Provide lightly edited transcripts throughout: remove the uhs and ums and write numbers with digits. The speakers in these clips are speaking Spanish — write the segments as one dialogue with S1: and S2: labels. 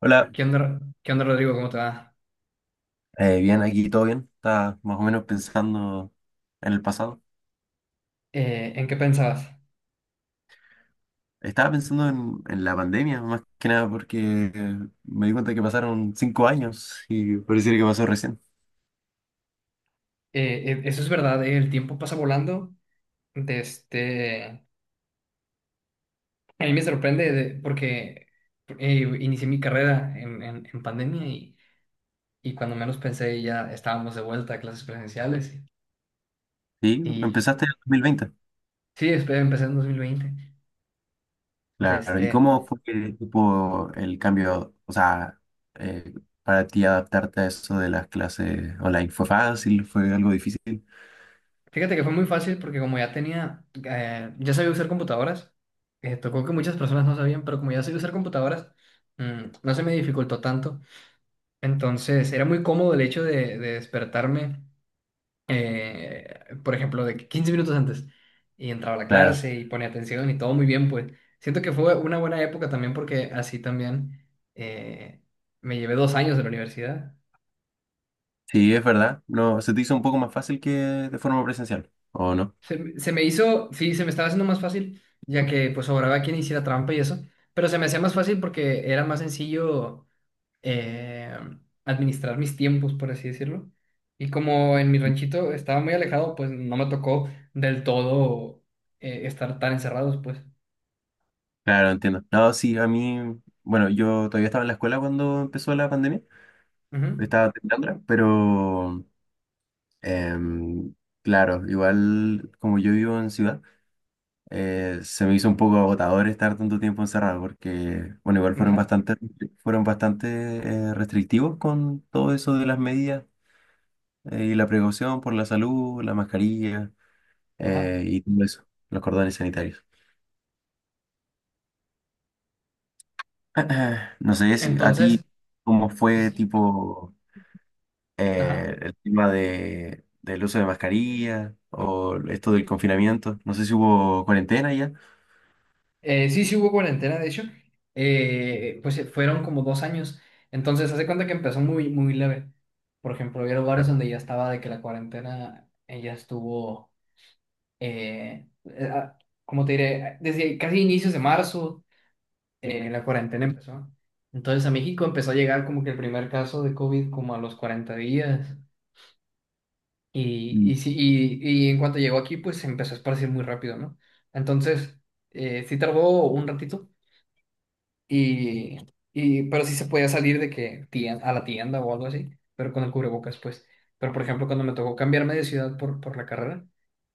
S1: Hola,
S2: Qué onda, Rodrigo? ¿Cómo te va?
S1: bien, aquí todo bien. Estaba más o menos pensando en el pasado.
S2: ¿en qué pensabas?
S1: Estaba pensando en la pandemia, más que nada porque me di cuenta que pasaron 5 años y pareciera que pasó recién.
S2: Eso es verdad, el tiempo pasa volando. De este... A mí me sorprende porque inicié mi carrera en pandemia y cuando menos pensé ya estábamos de vuelta a clases presenciales.
S1: Sí,
S2: Y
S1: empezaste en 2020.
S2: sí, empecé en 2020. De
S1: Claro, ¿y
S2: este...
S1: cómo fue que tipo, el cambio, o sea, eh, para ti adaptarte a eso de las clases online? ¿Fue fácil? ¿Fue algo difícil?
S2: Fíjate que fue muy fácil porque como ya tenía, ya sabía usar computadoras, tocó que muchas personas no sabían, pero como ya sabía usar computadoras, no se me dificultó tanto. Entonces, era muy cómodo el hecho de despertarme, eh, por ejemplo, de que 15 minutos antes, y entraba a la
S1: Claro,
S2: clase y ponía atención y todo muy bien, pues siento que fue una buena época también porque así también, eh, me llevé 2 años de la universidad.
S1: sí, es verdad. No, ¿se te hizo un poco más fácil que de forma presencial, o no?
S2: Se me hizo, sí, se me estaba haciendo más fácil, ya que pues sobraba quien hiciera trampa y eso, pero se me hacía más fácil porque era más sencillo eh, administrar mis tiempos, por así decirlo. Y como en mi ranchito estaba muy alejado, pues no me tocó del todo estar tan encerrados, pues.
S1: Claro, entiendo. No, sí, a mí, bueno, yo todavía estaba en la escuela cuando empezó la pandemia,
S2: Ujú.
S1: estaba terminándola, pero em, claro, igual como yo vivo en ciudad, se me hizo un poco agotador estar tanto tiempo encerrado, porque, bueno,
S2: Ajá,
S1: fueron bastante restrictivos con todo eso de las medidas y la precaución por la salud, la mascarilla
S2: ajá.
S1: eh, y todo eso, los cordones sanitarios. No sé si a ti,
S2: Entonces,
S1: ¿cómo fue tipo...
S2: ajá.
S1: eh, el tema del uso de mascarilla o esto del confinamiento. No sé si hubo cuarentena ya.
S2: Sí, sí hubo cuarentena, de hecho. Fueron como 2 años. Entonces, hace cuenta que empezó muy, muy leve. Por ejemplo, había lugares
S1: Claro.
S2: donde ya estaba de que la cuarentena ya estuvo, eh, eh, ah, ¿cómo te diré? Desde casi inicios de marzo la cuarentena empezó. Entonces a México empezó a llegar como que el primer caso de COVID como a los 40 días.
S1: Mm.
S2: Y en cuanto llegó aquí, pues se empezó a esparcir muy rápido, ¿no? Entonces, sí tardó un ratito, y, pero sí se podía salir de que a la tienda o algo así, pero con el cubrebocas, pues. Pero, por ejemplo, cuando me tocó cambiarme de ciudad por la carrera,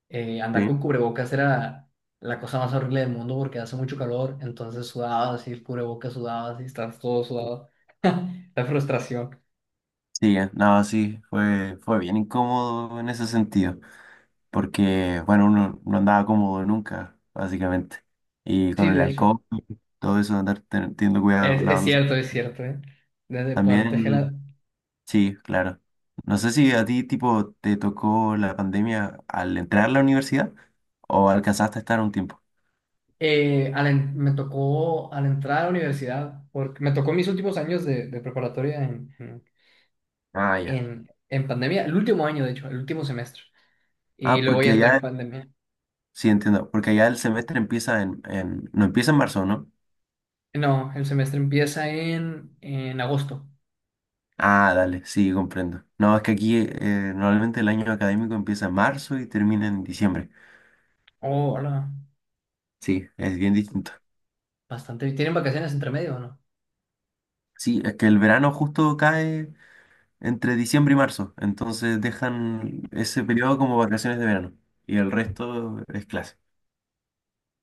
S2: andar
S1: Sí,
S2: con cubrebocas era la cosa más horrible del mundo porque hace mucho calor, entonces sudabas y el cubrebocas sudabas y estabas todo sudado. La frustración.
S1: sí, no, sí, fue, fue bien incómodo en ese sentido, porque, bueno, uno no andaba cómodo nunca, básicamente. Y
S2: Sí,
S1: con el
S2: de hecho.
S1: alcohol, todo eso, andar teniendo cuidado, lavándose.
S2: Es cierto, ¿eh? Desde parte que
S1: También, sí, claro. No sé si a ti, tipo, te tocó la pandemia al entrar a la universidad o alcanzaste a estar un tiempo.
S2: me tocó al entrar a la universidad, porque me tocó mis últimos años de preparatoria
S1: Ah, ya.
S2: en pandemia, el último año, de hecho, el último semestre. Y
S1: Ah,
S2: luego
S1: porque
S2: ya entré en
S1: allá,
S2: pandemia.
S1: sí entiendo, porque allá el semestre empieza no empieza en marzo, ¿no?
S2: No, el semestre empieza en agosto.
S1: Ah, dale, sí, comprendo. No, es que aquí normalmente el año académico empieza en marzo y termina en diciembre.
S2: Oh, hola.
S1: Sí, es bien distinto.
S2: Bastante. ¿Tienen vacaciones entre medio o no?
S1: Sí, es que el verano justo cae entre diciembre y marzo, entonces dejan ese periodo como vacaciones de verano y el resto es clase.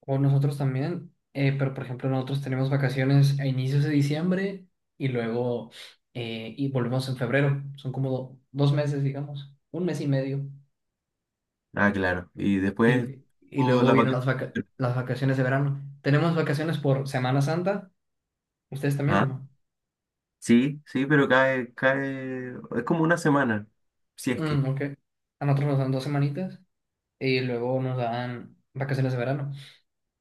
S2: O nosotros también, pero por ejemplo nosotros tenemos vacaciones a inicios de diciembre y luego y volvemos en febrero. Son como dos meses, digamos, un mes y medio.
S1: Ah, claro. Y después
S2: Y
S1: oh,
S2: luego
S1: las
S2: vienen las
S1: vacaciones.
S2: las vacaciones de verano. Tenemos vacaciones por Semana Santa. ¿Ustedes también o
S1: Ah,
S2: no?
S1: sí, sí, pero cae, es como una semana, si es que.
S2: Mm, ok. A nosotros nos dan dos semanitas y luego nos dan vacaciones de verano.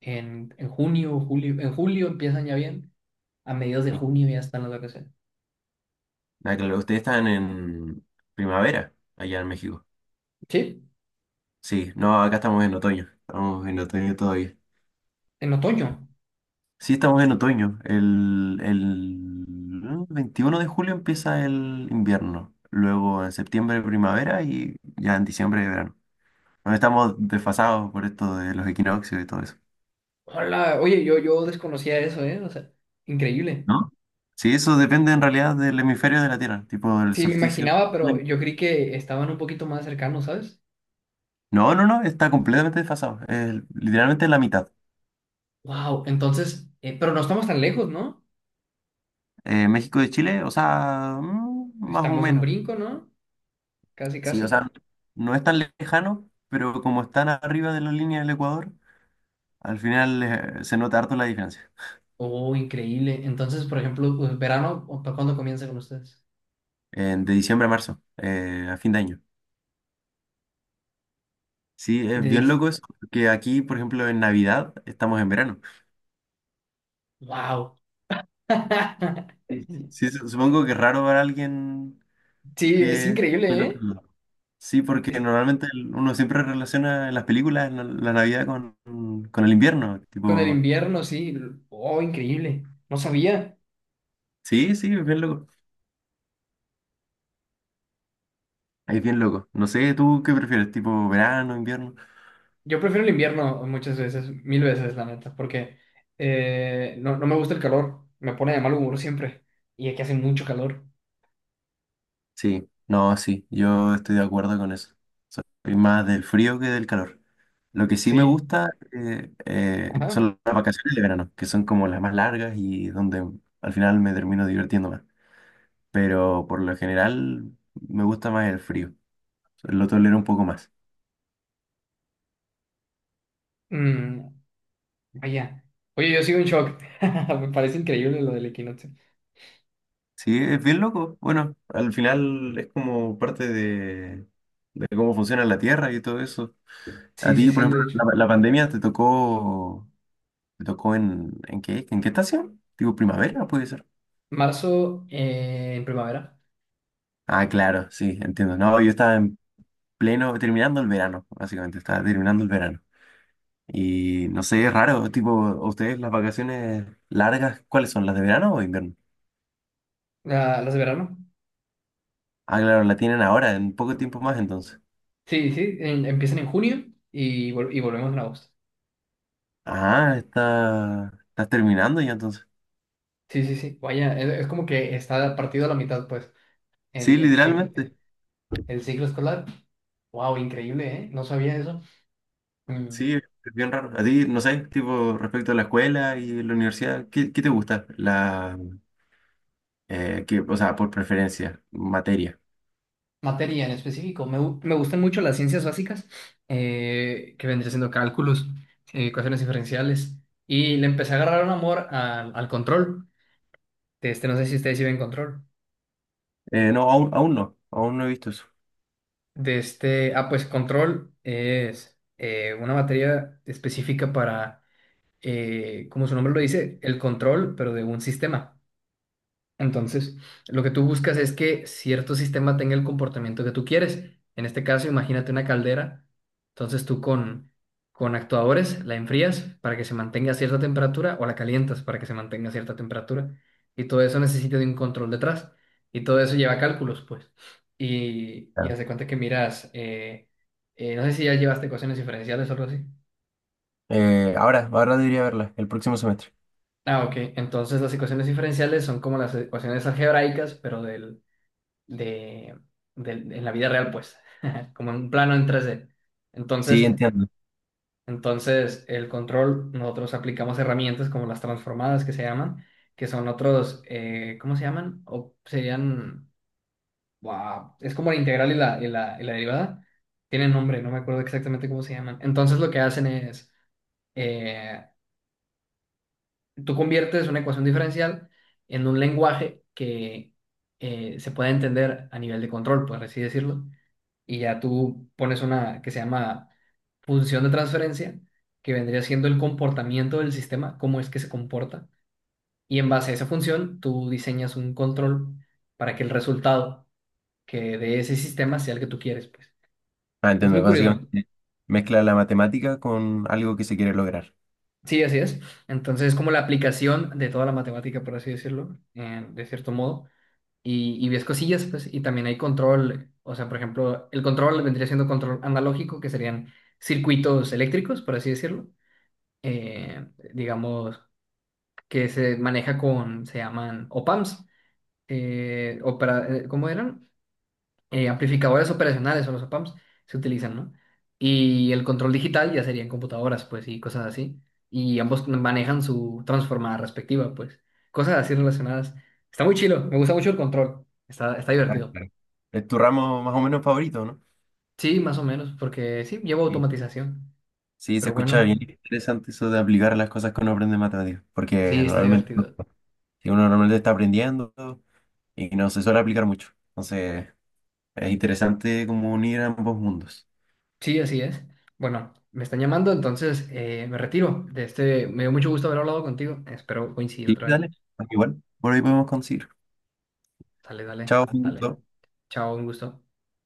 S2: En junio, julio, en julio empiezan ya bien. A mediados de junio ya están las vacaciones.
S1: Ah, claro, ustedes están en primavera allá en México.
S2: Sí,
S1: Sí, no, acá estamos en otoño. Estamos en otoño todavía.
S2: en otoño.
S1: Sí, estamos en otoño. El 21 de julio empieza el invierno. Luego en septiembre primavera y ya en diciembre verano. Bueno, estamos desfasados por esto de los equinoccios y todo eso.
S2: Hola, oye, yo desconocía eso, ¿eh? O sea, increíble.
S1: ¿No? Sí, eso depende en realidad del hemisferio de la Tierra, tipo del
S2: Sí, me
S1: solsticio.
S2: imaginaba, pero yo creí que estaban un poquito más cercanos, ¿sabes?
S1: No, no, no, está completamente desfasado. Es literalmente la mitad.
S2: Wow, entonces, pero no estamos tan lejos, ¿no?
S1: México de Chile, o sea, mm, más o
S2: Estamos en
S1: menos.
S2: brinco, ¿no? Casi,
S1: Sí, o
S2: casi.
S1: sea, no es tan lejano, pero como están arriba de la línea del Ecuador, al final se nota harto la diferencia.
S2: Oh, increíble. Entonces, por ejemplo, pues, verano, ¿o ¿para cuándo comienza con ustedes?
S1: De diciembre a marzo, a fin de año. Sí, es
S2: De
S1: bien
S2: dice,
S1: loco eso, que aquí, por ejemplo, en Navidad estamos en verano.
S2: wow.
S1: Y sí, supongo que es raro ver a alguien
S2: Sí, es
S1: que... del
S2: increíble,
S1: otro
S2: ¿eh?
S1: lado. Sí, porque
S2: Es-
S1: normalmente uno siempre relaciona en las películas la Navidad con el invierno.
S2: con el
S1: Tipo,
S2: invierno, sí. Oh, increíble. No sabía.
S1: sí, sí, es bien loco. Ahí es bien loco. No sé, ¿tú qué prefieres? ¿Tipo verano, invierno?
S2: Yo prefiero el invierno muchas veces, mil veces, la neta, porque no me gusta el calor, me pone de mal humor siempre. Y aquí hace mucho calor.
S1: Sí, no, sí, yo estoy de acuerdo con eso. Soy más del frío que del calor. Lo que sí me
S2: Sí.
S1: gusta
S2: Ajá.
S1: son las vacaciones de verano, que son como las más largas y donde al final me termino divirtiendo más. Pero por lo general me gusta más el frío. Lo tolero un poco más.
S2: Mm, vaya. Oye, yo sigo en shock. Me parece increíble lo del equinoccio.
S1: Sí, es bien loco. Bueno, al final es como parte de cómo funciona la Tierra y todo eso. A
S2: Sí, sí,
S1: ti, por
S2: sí,
S1: ejemplo,
S2: de
S1: la,
S2: hecho.
S1: la pandemia te tocó. ¿Te tocó en qué? ¿En qué estación? Digo, primavera, puede ser.
S2: Marzo en primavera,
S1: Ah, claro, sí, entiendo. No, yo estaba en pleno, terminando el verano, básicamente, estaba terminando el verano. Y no sé, es raro, tipo, ¿a ¿ustedes las vacaciones largas, cuáles son? ¿Las de verano o invierno?
S2: las de verano.
S1: Ah, claro, la tienen ahora, en poco tiempo más entonces.
S2: Sí, sí, empiezan en junio y, y volvemos en agosto.
S1: Ah, está, estás terminando ya entonces.
S2: Sí, sí, sí. Vaya, es como que está partido a la mitad, pues,
S1: Sí,
S2: el ciclo.
S1: literalmente.
S2: El ciclo escolar. Wow, increíble, ¿eh? No sabía eso. Mm,
S1: Sí, es bien raro. A ti, no sé, tipo, respecto a la escuela y la universidad, ¿qué, qué te gusta? La, que, o sea, por preferencia, materia.
S2: Materia en específico. Me gustan mucho las ciencias básicas, que vendría siendo cálculos, ecuaciones diferenciales. Y le empecé a agarrar un amor al control. De este, no sé si ustedes sí ven control.
S1: No, aún no he visto eso.
S2: De este, ah, pues control es una materia específica para, como su nombre lo dice, el control, pero de un sistema. Entonces, lo que tú buscas es que cierto sistema tenga el comportamiento que tú quieres. En este caso, imagínate una caldera. Entonces, con actuadores la enfrías para que se mantenga a cierta temperatura o la calientas para que se mantenga a cierta temperatura. Y todo eso necesita de un control detrás. Y todo eso lleva cálculos, pues. Y
S1: Claro.
S2: haz de cuenta que miras, no sé si ya llevaste ecuaciones diferenciales o algo así.
S1: Ahora debería verla, el próximo semestre.
S2: Ah, ok. Entonces, las ecuaciones diferenciales son como las ecuaciones algebraicas, pero de, en la vida real, pues, como en un plano en tres d.
S1: Sí,
S2: Entonces,
S1: entiendo.
S2: entonces el control, nosotros aplicamos herramientas como las transformadas que se llaman, que son otros, ¿cómo se llaman? O serían, wow, es como la integral y la derivada. Tienen nombre, no me acuerdo exactamente cómo se llaman. Entonces lo que hacen es, eh, tú conviertes una ecuación diferencial en un lenguaje que se pueda entender a nivel de control, por así decirlo. Y ya tú pones una que se llama función de transferencia, que vendría siendo el comportamiento del sistema, cómo es que se comporta. Y en base a esa función, tú diseñas un control para que el resultado que de ese sistema sea el que tú quieres, pues.
S1: Ah,
S2: Es
S1: entiendo.
S2: muy curioso.
S1: Básicamente mezcla la matemática con algo que se quiere lograr.
S2: Sí, así es. Entonces es como la aplicación de toda la matemática, por así decirlo, de cierto modo. Y ves cosillas, pues, y también hay control. O sea, por ejemplo, el control vendría siendo control analógico, que serían circuitos eléctricos, por así decirlo, eh, digamos, que se maneja con, se llaman opamps, ¿cómo eran? Amplificadores operacionales son los opamps, se utilizan, ¿no? Y el control digital ya serían computadoras, pues, y cosas así. Y ambos manejan su transformada respectiva, pues. Cosas así relacionadas. Está muy chilo, me gusta mucho el control. Está, está
S1: Ah,
S2: divertido.
S1: claro. Es tu ramo más o menos favorito, ¿no?
S2: Sí, más o menos, porque sí, llevo
S1: Sí.
S2: automatización.
S1: Sí, se
S2: Pero
S1: escucha
S2: bueno,
S1: bien interesante eso de aplicar las cosas que uno aprende en matemáticas, porque
S2: sí, está
S1: normalmente no-
S2: divertido.
S1: si uno normalmente está aprendiendo y no se suele aplicar mucho. Entonces, es interesante como unir ambos mundos.
S2: Sí, así es. Bueno, me están llamando, entonces me retiro. De este, me dio mucho gusto haber hablado contigo. Espero coincidir
S1: Sí,
S2: otra vez.
S1: dale. Igual, por ahí podemos conseguir.
S2: Dale, dale,
S1: Chao, un
S2: dale.
S1: gusto.
S2: Chao, un gusto.